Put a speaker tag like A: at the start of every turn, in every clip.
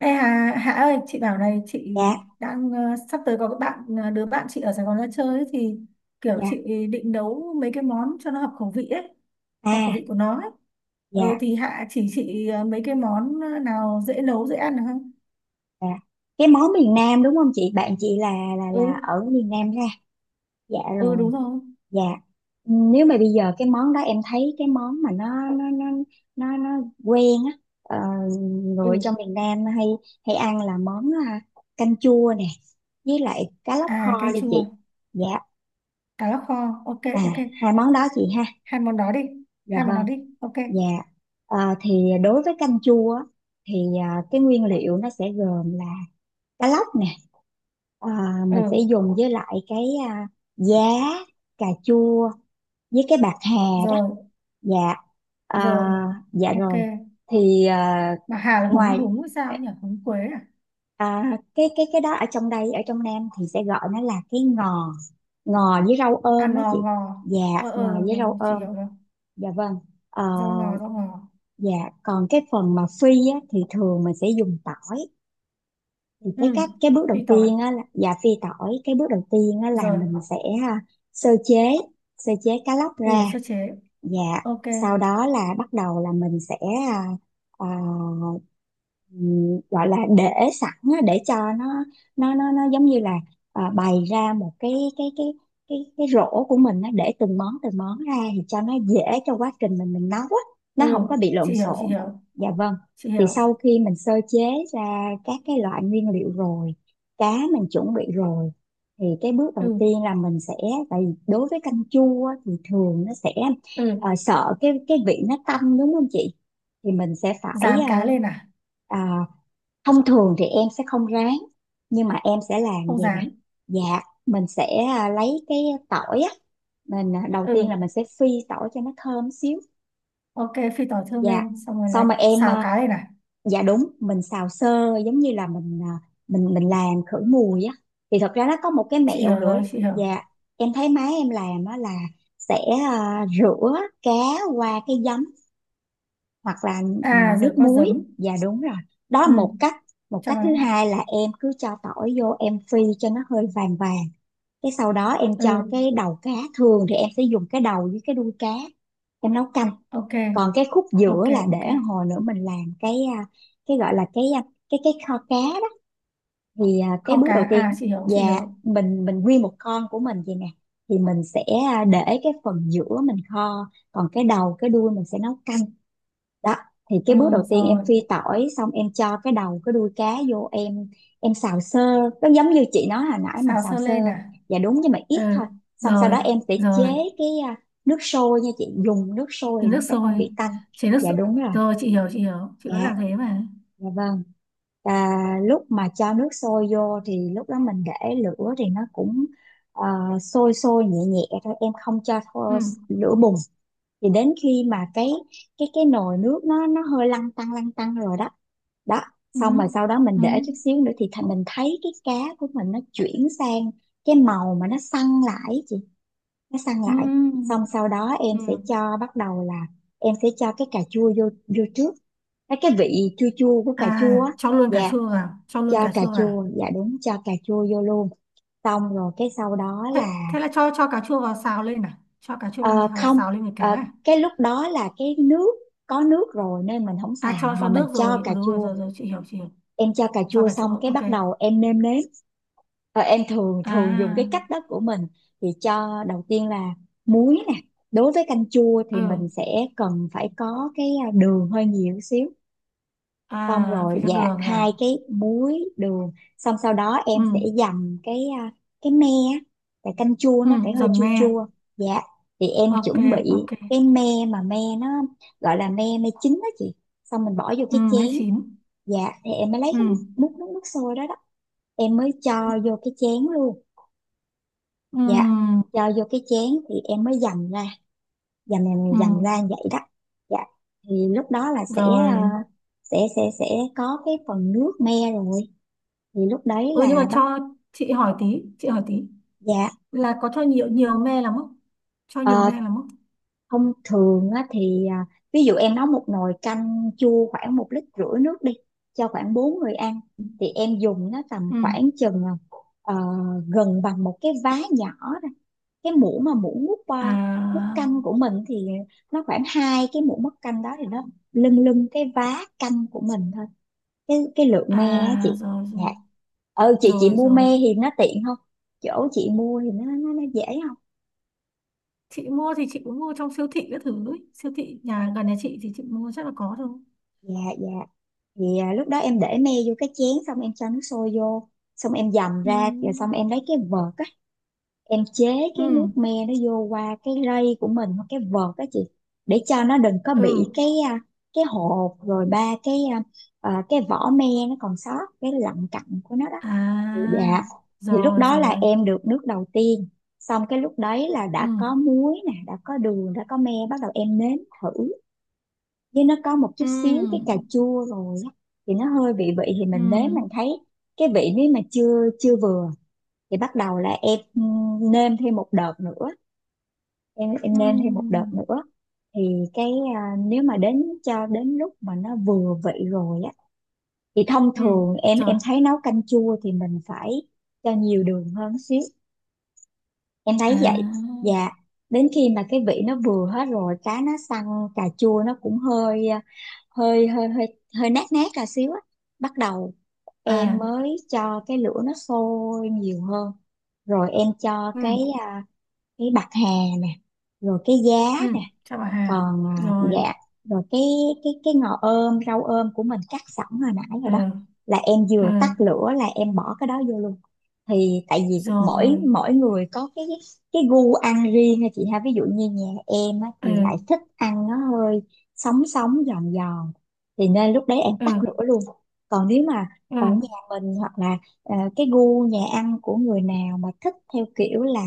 A: Đây Hà, Hà ơi, chị bảo này, chị
B: Dạ,
A: đang sắp tới có cái bạn đứa bạn chị ở Sài Gòn ra chơi ấy, thì kiểu
B: dạ,
A: chị định nấu mấy cái món cho nó hợp khẩu vị ấy, hợp khẩu
B: à,
A: vị của nó ấy. Ừ,
B: dạ,
A: thì Hạ chỉ chị mấy cái món nào dễ nấu, dễ ăn được không?
B: dạ, cái món miền Nam đúng không chị? Bạn chị là là
A: Ừ,
B: là ở miền Nam ra. Dạ
A: ừ
B: rồi.
A: đúng rồi.
B: Dạ. Ừ, nếu mà bây giờ cái món đó em thấy cái món mà nó quen á,
A: Ừ,
B: người ở trong miền Nam hay hay ăn là món canh chua nè, với lại cá lóc
A: à
B: kho
A: canh
B: đi
A: chua,
B: chị. Dạ.
A: cá lóc kho, ok
B: À,
A: ok.
B: hai món đó chị ha.
A: Hai món đó đi,
B: Dạ
A: hai món đó
B: vâng.
A: đi, ok.
B: Dạ. Thì đối với canh chua á, thì cái nguyên liệu nó sẽ gồm là cá lóc nè, à,
A: Ừ,
B: mình sẽ dùng với lại cái, à, giá, cà chua, với cái bạc hà đó.
A: rồi,
B: Dạ. à,
A: rồi,
B: dạ
A: ok.
B: rồi. thì à,
A: Mà Hà là húng
B: ngoài,
A: húng hay sao nhỉ? Húng quế à?
B: cái đó ở trong đây, ở trong Nam thì sẽ gọi nó là cái ngò ngò với rau
A: À
B: ôm á
A: ngò
B: chị.
A: ngò.
B: Dạ,
A: Ờ
B: ngò
A: ờ
B: với
A: rồi,
B: rau
A: rồi, chị
B: ôm.
A: hiểu rồi.
B: Dạ vâng. Ờ,
A: Rau ngò rau ngò.
B: dạ. Còn cái phần mà phi á thì thường mình sẽ dùng tỏi. Thì
A: Ừ.
B: cái cách, cái bước đầu
A: Phi tỏi.
B: tiên á là dạ phi tỏi. Cái bước đầu tiên á là
A: Rồi.
B: mình sẽ à, sơ chế sơ chế cá lóc
A: Ừ
B: ra.
A: sơ chế.
B: Dạ,
A: Ok.
B: sau đó là bắt đầu là mình sẽ à, à, gọi là để sẵn á, để cho nó giống như là, bày ra một cái rổ của mình nó để từng món ra thì cho nó dễ, cho quá trình mình nấu á,
A: Ừ.
B: nó không có bị
A: Chị
B: lộn
A: hiểu chị
B: xộn.
A: hiểu.
B: Dạ vâng.
A: Chị
B: Thì
A: hiểu.
B: sau khi mình sơ chế ra các cái loại nguyên liệu rồi, cá mình chuẩn bị rồi, thì cái bước
A: Ừ.
B: đầu tiên là mình sẽ, tại vì đối với canh chua á thì thường nó sẽ
A: Ừ.
B: sợ cái vị nó tanh đúng không chị, thì mình sẽ phải.
A: Rán cá lên à?
B: ờ, à, Thông thường thì em sẽ không rán, nhưng mà em sẽ làm
A: Không
B: vậy nè.
A: rán.
B: Dạ, mình sẽ lấy cái tỏi á, mình, đầu tiên là
A: Ừ.
B: mình sẽ phi tỏi cho nó thơm xíu.
A: Ok, phi tỏi thơm
B: Dạ,
A: lên. Xong rồi là
B: xong mà em,
A: xào cá lên à?
B: dạ đúng, mình xào sơ giống như là mình, mình làm khử mùi á. Thì thật ra nó có một cái
A: Chị
B: mẹo
A: hiểu
B: nữa.
A: rồi chị hiểu.
B: Dạ, em thấy má em làm á là sẽ rửa cá qua cái giấm, hoặc là
A: À rồi
B: nước
A: có
B: muối.
A: giấm.
B: Dạ đúng rồi, đó
A: Ừ.
B: là một cách. Một
A: Cho
B: cách thứ
A: nó.
B: hai là em cứ cho tỏi vô, em phi cho nó hơi vàng vàng, cái sau đó em cho
A: Ừ.
B: cái đầu cá. Thường thì em sẽ dùng cái đầu với cái đuôi cá, em nấu canh.
A: Ok.
B: Còn cái khúc giữa
A: Ok
B: là
A: ok.
B: để hồi nữa mình làm cái, cái gọi là cái, cái kho cá đó. Cái
A: Kho
B: bước đầu
A: cá. À
B: tiên.
A: chị hiểu chị
B: Dạ,
A: hiểu.
B: mình nguyên một con của mình vậy nè, thì mình sẽ để cái phần giữa mình kho, còn cái đầu cái đuôi mình sẽ nấu canh đó. Thì
A: Ừ
B: cái bước đầu tiên, em
A: rồi.
B: phi tỏi xong em cho cái đầu cái đuôi cá vô, em xào sơ, nó giống như chị nói hồi nãy, mình
A: Xào
B: xào
A: sơ
B: sơ.
A: lên à?
B: Dạ đúng, nhưng mà
A: Ừ.
B: ít thôi. Xong sau đó
A: Rồi.
B: em sẽ chế
A: Rồi.
B: cái, nước sôi nha chị. Dùng nước sôi thì
A: Chén nước
B: nó sẽ không
A: sôi,
B: bị tanh.
A: chế nước
B: Dạ
A: sôi
B: đúng rồi.
A: rồi chị hiểu chị hiểu, chị vẫn
B: Dạ.
A: làm thế mà.
B: Dạ vâng. Và lúc mà cho nước sôi vô thì lúc đó mình để lửa thì nó cũng ờ, sôi sôi nhẹ nhẹ thôi. Em không cho
A: Ừ,
B: lửa bùng. Thì đến khi mà cái, cái nồi nước nó hơi lăn tăn rồi đó. Đó,
A: ừ,
B: xong rồi sau đó mình
A: ừ,
B: để chút xíu nữa thì thành mình thấy cái cá của mình nó chuyển sang cái màu mà nó săn lại ấy chị, nó săn lại. Xong
A: ừ,
B: sau đó em
A: ừ.
B: sẽ cho, bắt đầu là em sẽ cho cái cà chua vô vô trước, cái vị chua chua của cà chua
A: À,
B: á.
A: cho luôn cà
B: Dạ,
A: chua vào, cho luôn
B: cho
A: cà
B: cà
A: chua
B: chua,
A: vào.
B: dạ đúng, cho cà chua vô luôn. Xong rồi cái sau đó
A: thế,
B: là
A: thế là cho cà chua vào xào lên à, cho cà chua lên
B: ờ,
A: xào
B: không,
A: xào lên với cá
B: ờ,
A: à?
B: cái lúc đó là cái nước có nước rồi nên mình không
A: À,
B: xào mà
A: cho
B: mình
A: nước
B: cho
A: rồi, ừ,
B: cà
A: đúng rồi,
B: chua.
A: rồi, rồi, chị hiểu chị hiểu,
B: Em cho cà
A: cho
B: chua
A: cà
B: xong,
A: chua
B: cái
A: ok.
B: bắt đầu em nêm nếm. Em thường thường dùng cái
A: À.
B: cách đó của mình, thì cho đầu tiên là muối nè. Đối với canh chua thì
A: Ừ.
B: mình sẽ cần phải có cái, đường hơi nhiều xíu, xong
A: À
B: rồi
A: phải cho
B: dạt
A: đường hả?
B: hai cái muối đường, xong sau đó
A: Ừ.
B: em sẽ dầm cái, cái me á, tại canh chua
A: Ừ
B: nó phải hơi
A: dầm
B: chua
A: me.
B: chua. Dạ, thì em
A: Ok.
B: chuẩn bị
A: Ok.
B: cái me. Mà me nó gọi là me me chín đó chị, xong mình bỏ vô
A: Ừ
B: cái
A: nó
B: chén.
A: chín.
B: Dạ, thì em mới lấy
A: Ừ.
B: cái nước nước nước nước sôi đó đó, em mới cho vô cái chén luôn. Dạ,
A: Ừ.
B: cho vô cái chén thì em mới dầm ra, dầm dầm
A: Ừ
B: dầm ra vậy đó. Dạ. Thì lúc đó là sẽ ờ,
A: rồi.
B: sẽ có cái phần nước me rồi, thì lúc đấy
A: Ừ nhưng mà
B: là bắt.
A: cho, chị hỏi tí, chị hỏi tí
B: Dạ.
A: là có cho nhiều nhiều me lắm không, cho nhiều
B: ờ,
A: me lắm không?
B: thông thường á, thì ví dụ em nấu một nồi canh chua khoảng 1 lít rưỡi nước đi, cho khoảng 4 người ăn, thì em dùng nó tầm
A: Ừ.
B: khoảng chừng, ờ, gần bằng một cái vá nhỏ thôi. Cái muỗng mà muỗng múc,
A: À.
B: múc canh của mình thì nó khoảng hai cái muỗng múc canh đó, thì nó lưng lưng cái vá canh của mình thôi, cái lượng me á
A: À
B: chị.
A: rồi
B: Dạ.
A: rồi
B: Ừ, chị
A: rồi
B: mua
A: rồi.
B: me thì nó tiện không? Chỗ chị mua thì nó dễ.
A: Chị mua thì chị cũng mua trong siêu thị các thứ ấy. Siêu thị nhà gần nhà chị thì chị mua chắc là có thôi.
B: Dạ, dạ. Vậy à, lúc đó em để me vô cái chén, xong em cho nước sôi vô, xong em dầm ra rồi, xong
A: Ừ.
B: em lấy cái vợt á, em chế
A: Ừ.
B: cái nước me nó vô qua cái rây của mình hoặc cái vợt á chị, để cho nó đừng có bị
A: Ừ.
B: cái, cái hột, rồi ba cái, cái vỏ me nó còn sót cái lặng cặn của nó đó. Thì dạ.
A: À
B: Thì lúc
A: rồi
B: đó là
A: rồi.
B: em được nước đầu tiên, xong cái lúc đấy là
A: Ừ.
B: đã có muối nè, đã có đường, đã có me, bắt đầu em nếm thử. Với nó có một chút xíu cái
A: Ừ.
B: cà chua rồi á, thì nó hơi bị vị, thì
A: Ừ.
B: mình nếm mình thấy cái vị nếu mà chưa chưa vừa thì bắt đầu là em nêm thêm một đợt nữa, em nêm thêm một đợt
A: Ừ.
B: nữa. Thì cái, nếu mà đến cho đến lúc mà nó vừa vị rồi á thì thông
A: Ừ.
B: thường em
A: Rồi.
B: em thấy nấu canh chua thì mình phải cho nhiều đường hơn xíu, em thấy vậy.
A: À.
B: Dạ. Đến khi mà cái vị nó vừa hết rồi, cá nó săn, cà chua nó cũng hơi ờ, hơi hơi hơi hơi nát nát cà xíu á, bắt đầu em
A: À.
B: mới cho cái lửa nó sôi nhiều hơn, rồi em cho
A: Ừ.
B: cái, cái bạc hà nè, rồi cái
A: Ừ.
B: giá nè,
A: Chào bà Hà.
B: còn
A: Rồi.
B: dạ, rồi cái, cái ngò ôm rau ôm của mình cắt sẵn hồi nãy rồi
A: Ờ.
B: đó, là em
A: Ờ
B: vừa tắt lửa là em bỏ cái đó vô luôn. Thì tại vì mỗi
A: rồi.
B: mỗi người có cái gu ăn riêng ha chị ha, ví dụ như nhà em á
A: Ờ.
B: thì lại thích ăn nó hơi sống sống giòn giòn, thì nên lúc đấy em
A: Ờ.
B: tắt lửa luôn. Còn nếu mà
A: Ờ.
B: ở nhà mình hoặc là, cái gu nhà ăn của người nào mà thích theo kiểu là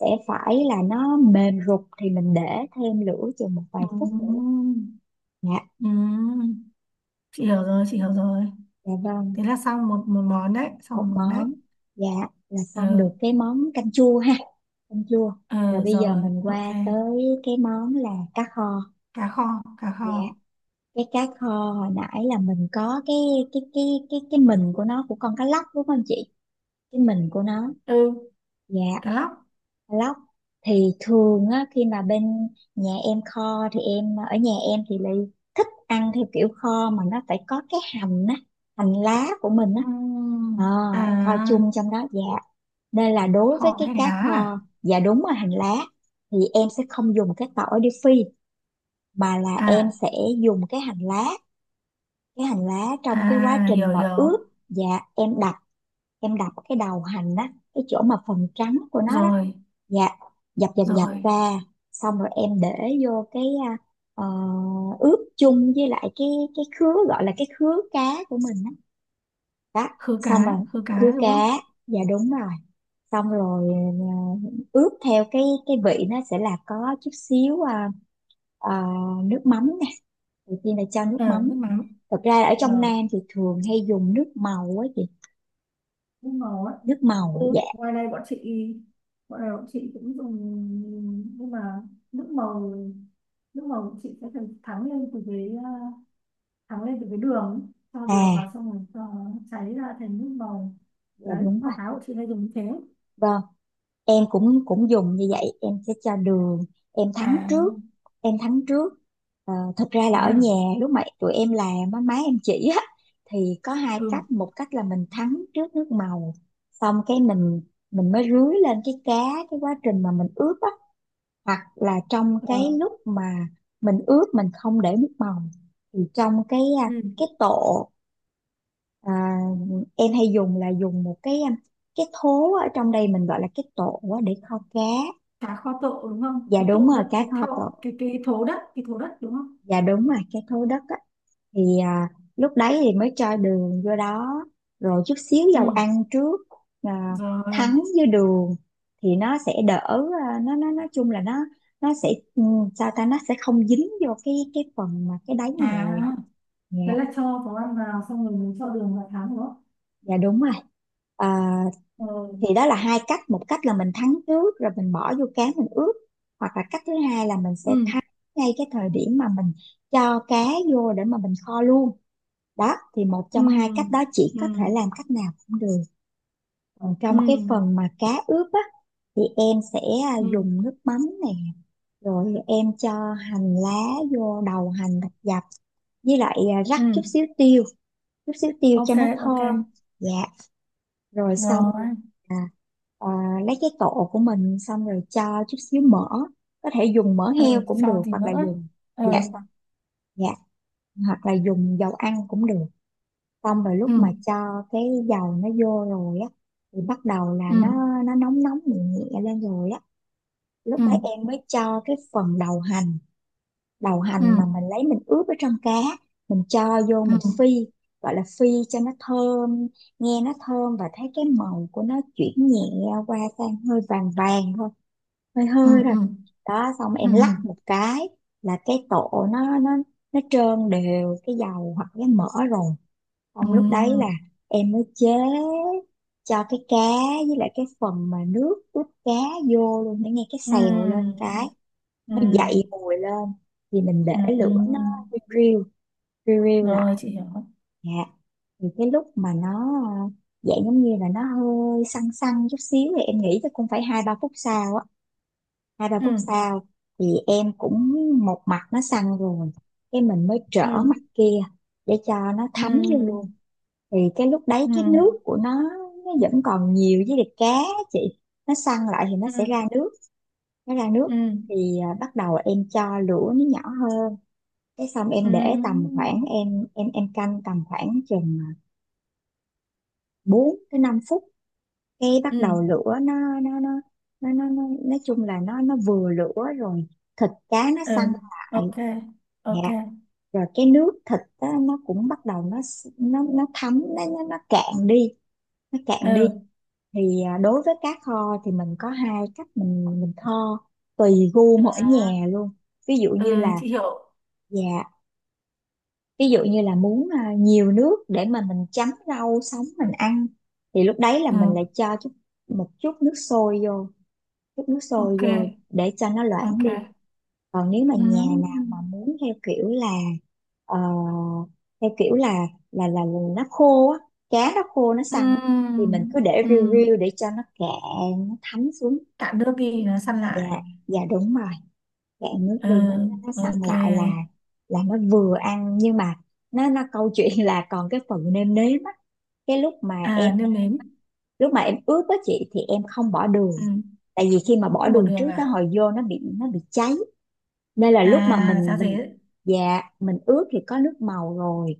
B: sẽ phải là nó mềm rục thì mình để thêm lửa chừng một vài
A: Ừ.
B: phút nữa. Dạ.
A: Ừ. Chị hiểu rồi chị hiểu rồi.
B: Dạ vâng,
A: Thế là xong một một món đấy, xong
B: một
A: một món đấy.
B: món. Dạ, là xong được
A: Ừ.
B: cái món canh chua ha. Canh chua. Rồi
A: Ờ
B: bây giờ
A: rồi
B: mình
A: ok.
B: qua tới cái món là cá kho.
A: Cá kho, cá kho.
B: Dạ, cái cá kho hồi nãy là mình có cái, cái cái cái mình của nó, của con cá lóc đúng không chị, cái mình của nó.
A: Ừ
B: Dạ,
A: cá lóc.
B: lóc. Thì thường á, khi mà bên nhà em kho thì em, ở nhà em thì lại thích ăn theo kiểu kho mà nó phải có cái hành á, hành lá của mình á.
A: Ừ.
B: Ờ, kho
A: À
B: chung trong đó. Dạ, nên là đối
A: kho
B: với
A: với
B: cái
A: hành
B: cá
A: lá.
B: kho, dạ đúng, là hành lá, thì em sẽ không dùng cái tỏi để phi mà là em
A: À.
B: sẽ dùng cái hành lá trong
A: À
B: cái quá
A: à hiểu
B: trình mà
A: hiểu.
B: ướp. Dạ, em đập em đập cái đầu hành á, cái chỗ mà phần trắng của nó đó.
A: Rồi.
B: Dạ, dập dập dập
A: Rồi
B: ra, xong rồi em để vô cái, ờ, ướp chung với lại cái khứa, gọi là cái khứa cá của mình đó, đó.
A: khứ
B: Xong rồi,
A: cá, khứ
B: khứa
A: cá đúng
B: cá.
A: không?
B: Dạ, đúng rồi. Xong rồi, à, ướp theo cái vị nó sẽ là có chút xíu à, nước mắm nè. Đầu tiên là cho nước
A: Ờ
B: mắm.
A: nước mắm.
B: Thật ra là ở trong
A: Rồi.
B: Nam thì thường hay dùng nước màu á chị.
A: Đúng rồi.
B: Nước màu.
A: Ừ,
B: Dạ.
A: ngoài này bọn chị, bọn này bọn chị cũng dùng nhưng mà nước màu, nước màu bọn chị sẽ phải thắng lên từ cái thắng lên từ cái đường ấy. Cho đường
B: À,
A: vào xong rồi cho nó cháy ra thành nước màu,
B: dạ,
A: đấy
B: đúng
A: kho
B: rồi.
A: cá bọn chị hay dùng như thế.
B: Vâng, em cũng cũng dùng như vậy, em sẽ cho đường, em thắng
A: À,
B: trước. em thắng trước Thật ra là
A: thế
B: ở
A: à?
B: nhà, lúc mà tụi em làm á, má em chỉ á, thì có hai
A: Ừ.
B: cách. Một cách là mình thắng trước nước màu, xong cái mình mới rưới lên cái cá, cái quá trình mà mình ướp á. Hoặc là trong cái
A: ờ,
B: lúc mà mình ướp, mình không để nước màu thì trong cái
A: Ừ.
B: cái tổ. À, em hay dùng là dùng một cái thố, ở trong đây mình gọi là cái tổ á, để kho cá.
A: Cá kho tộ đúng không,
B: Dạ,
A: cái
B: đúng
A: tộ
B: rồi,
A: đất,
B: cá
A: cái
B: kho
A: thau,
B: tổ.
A: cái thố đất, cái thố đất đúng không?
B: Dạ, đúng rồi, cái thố đất á. Thì lúc đấy thì mới cho đường vô đó, rồi chút xíu dầu
A: Ừ.
B: ăn trước, à,
A: Rồi.
B: thắng với đường thì nó sẽ đỡ, nó nói chung là nó sẽ ừ, sao ta, nó sẽ không dính vô cái phần mà cái đáy
A: À,
B: nồi. Dạ.
A: thế là cho có ăn vào xong rồi mới cho đường vào thắng đúng không?
B: Dạ, đúng rồi. à,
A: ờ,
B: thì đó là hai cách. Một cách là mình thắng trước rồi mình bỏ vô cá mình ướp, hoặc là cách thứ hai là mình sẽ
A: ừ.
B: thắng ngay cái thời điểm mà mình cho cá vô để mà mình kho luôn. Đó, thì một
A: Ừ.
B: trong hai cách đó, chỉ
A: Ừ.
B: có thể làm cách nào cũng được. Còn trong
A: Ừ.
B: cái phần mà cá ướp á, thì em sẽ
A: Ừ.
B: dùng nước mắm này, rồi em cho hành lá vô, đầu hành thật dập, với lại rắc
A: Ừ.
B: chút xíu tiêu, chút xíu tiêu
A: Ok.
B: cho nó
A: Ok.
B: thơm. Dạ, rồi xong.
A: Rồi.
B: à, à, lấy cái tổ của mình xong rồi cho chút xíu mỡ, có thể dùng mỡ
A: Ừ
B: heo cũng
A: sau
B: được,
A: thì
B: hoặc là
A: nữa.
B: dùng.
A: Ừ.
B: Dạ. Dạ, hoặc là dùng dầu ăn cũng được. Xong rồi lúc
A: Ừ.
B: mà cho cái dầu nó vô rồi á, thì bắt đầu là
A: Ừ.
B: nó nóng nóng nhẹ nhẹ lên rồi á, lúc
A: Ừ.
B: đấy em mới cho cái phần đầu hành. Đầu hành
A: Ừ.
B: mà mình lấy mình ướp ở trong cá, mình cho vô mình
A: Ừ.
B: phi, gọi là phi cho nó thơm. Nghe nó thơm và thấy cái màu của nó chuyển nhẹ qua sang hơi vàng vàng thôi, hơi
A: Ừ.
B: hơi rồi. Đó, xong
A: Ừ.
B: em
A: Ừ.
B: lắc một cái là cái tổ nó trơn đều cái dầu hoặc cái mỡ rồi. Xong lúc đấy là
A: Ừ.
B: em mới chế cho cái cá với lại cái phần mà nước ướp cá vô luôn, để nghe cái
A: Ừ.
B: xèo lên cái
A: Ừ.
B: nó dậy mùi lên. Thì mình
A: Ừ.
B: để
A: Ừ.
B: lửa nó riu riu riu
A: Rồi
B: lại.
A: chị hiểu.
B: Dạ. Thì cái lúc mà nó ờ, dạng giống như là nó hơi săn săn chút xíu, thì em nghĩ chắc cũng phải 2-3 phút sau á, hai ba
A: Ừ.
B: phút sau, thì em cũng một mặt nó săn rồi, cái mình mới trở
A: Ừ.
B: mặt kia để cho nó
A: Ừ.
B: thấm vô luôn. Thì cái lúc đấy
A: Ừ.
B: cái nước của nó vẫn còn nhiều với lại cá á chị, nó săn lại thì nó
A: Ừ.
B: sẽ ra nước, nó ra nước.
A: Ừ.
B: Thì bắt đầu em cho lửa nó nhỏ hơn, cái xong em để tầm
A: Ừ.
B: khoảng em canh tầm khoảng chừng 4 tới 5 phút. Cái bắt
A: Ừ.
B: đầu lửa nó nói chung là nó vừa lửa rồi, thịt cá nó
A: Ừ.
B: săn lại.
A: Ok.
B: Dạ.
A: Ok.
B: Rồi cái nước thịt á, nó cũng bắt đầu nó thấm nó cạn đi, nó cạn đi.
A: Ừ.
B: Thì đối với cá kho thì mình có hai cách mình kho, tùy gu mỗi
A: Đó.
B: nhà luôn. Ví dụ
A: Ừ
B: như là.
A: chị hiểu.
B: Dạ. Ví dụ như là muốn nhiều nước để mà mình chấm rau sống mình ăn, thì lúc đấy là
A: Ừ,
B: mình lại cho một chút nước sôi vô, chút nước sôi
A: ok,
B: rồi để cho nó loãng đi.
A: ok.
B: Còn nếu mà nhà nào mà
A: Ừm,
B: muốn theo kiểu là ờ, theo kiểu là nó khô á, cá nó khô nó săn á, thì mình
A: ừm,
B: cứ để riu
A: ừm.
B: riu để cho nó cạn, nó thấm xuống.
A: Cạn nước đi, nó săn
B: Dạ.
A: lại.
B: Dạ, đúng rồi, cạn nước đi nó
A: Ừ,
B: nó nó săn
A: ok.
B: lại là nó vừa ăn. Nhưng mà nó câu chuyện là còn cái phần nêm nếm á. Cái
A: À, nêm nếm.
B: lúc mà em ướp á chị, thì em không bỏ đường,
A: Ừ,
B: tại vì khi mà bỏ
A: không một
B: đường
A: đường
B: trước, tới
A: à?
B: hồi vô nó bị cháy. Nên là lúc mà
A: À, giá
B: mình.
A: dế.
B: Dạ, mình ướp thì có nước màu rồi,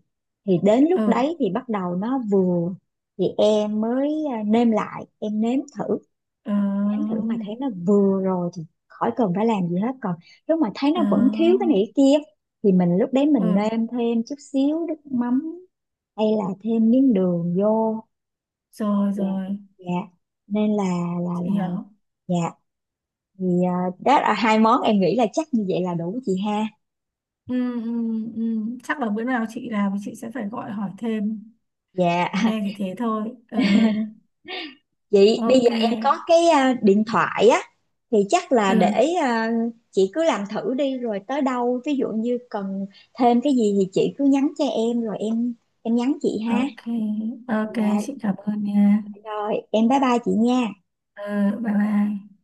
B: thì đến lúc
A: Ừ,
B: đấy thì bắt đầu nó vừa, thì em mới nêm lại, em nếm thử.
A: ừ,
B: Nếm thử mà thấy nó vừa rồi thì khỏi cần phải làm gì hết. Còn lúc mà thấy nó
A: ừ,
B: vẫn thiếu cái này cái kia thì mình, lúc đấy mình
A: ừ.
B: nêm thêm chút xíu nước mắm hay là thêm miếng đường vô.
A: Rồi,
B: Dạ.
A: rồi,
B: Dạ, nên là là
A: chị
B: là
A: hiểu.
B: Dạ. Thì đó là hai món em nghĩ là chắc như vậy là đủ chị ha.
A: Ừ, ừ, ừ. Chắc là bữa nào chị làm thì chị sẽ phải gọi hỏi thêm.
B: Dạ.
A: Nghe thì thế thôi. Ừ,
B: Chị, bây
A: ok.
B: giờ em có cái điện thoại á, thì chắc là
A: Ừ,
B: để chị cứ làm thử đi, rồi tới đâu, ví dụ như cần thêm cái gì thì chị cứ nhắn cho em, rồi em nhắn chị ha.
A: ok, ok.
B: Dạ.
A: Chị cảm ơn nha.
B: Rồi em bye bye chị nha.
A: Ừ, bye bye.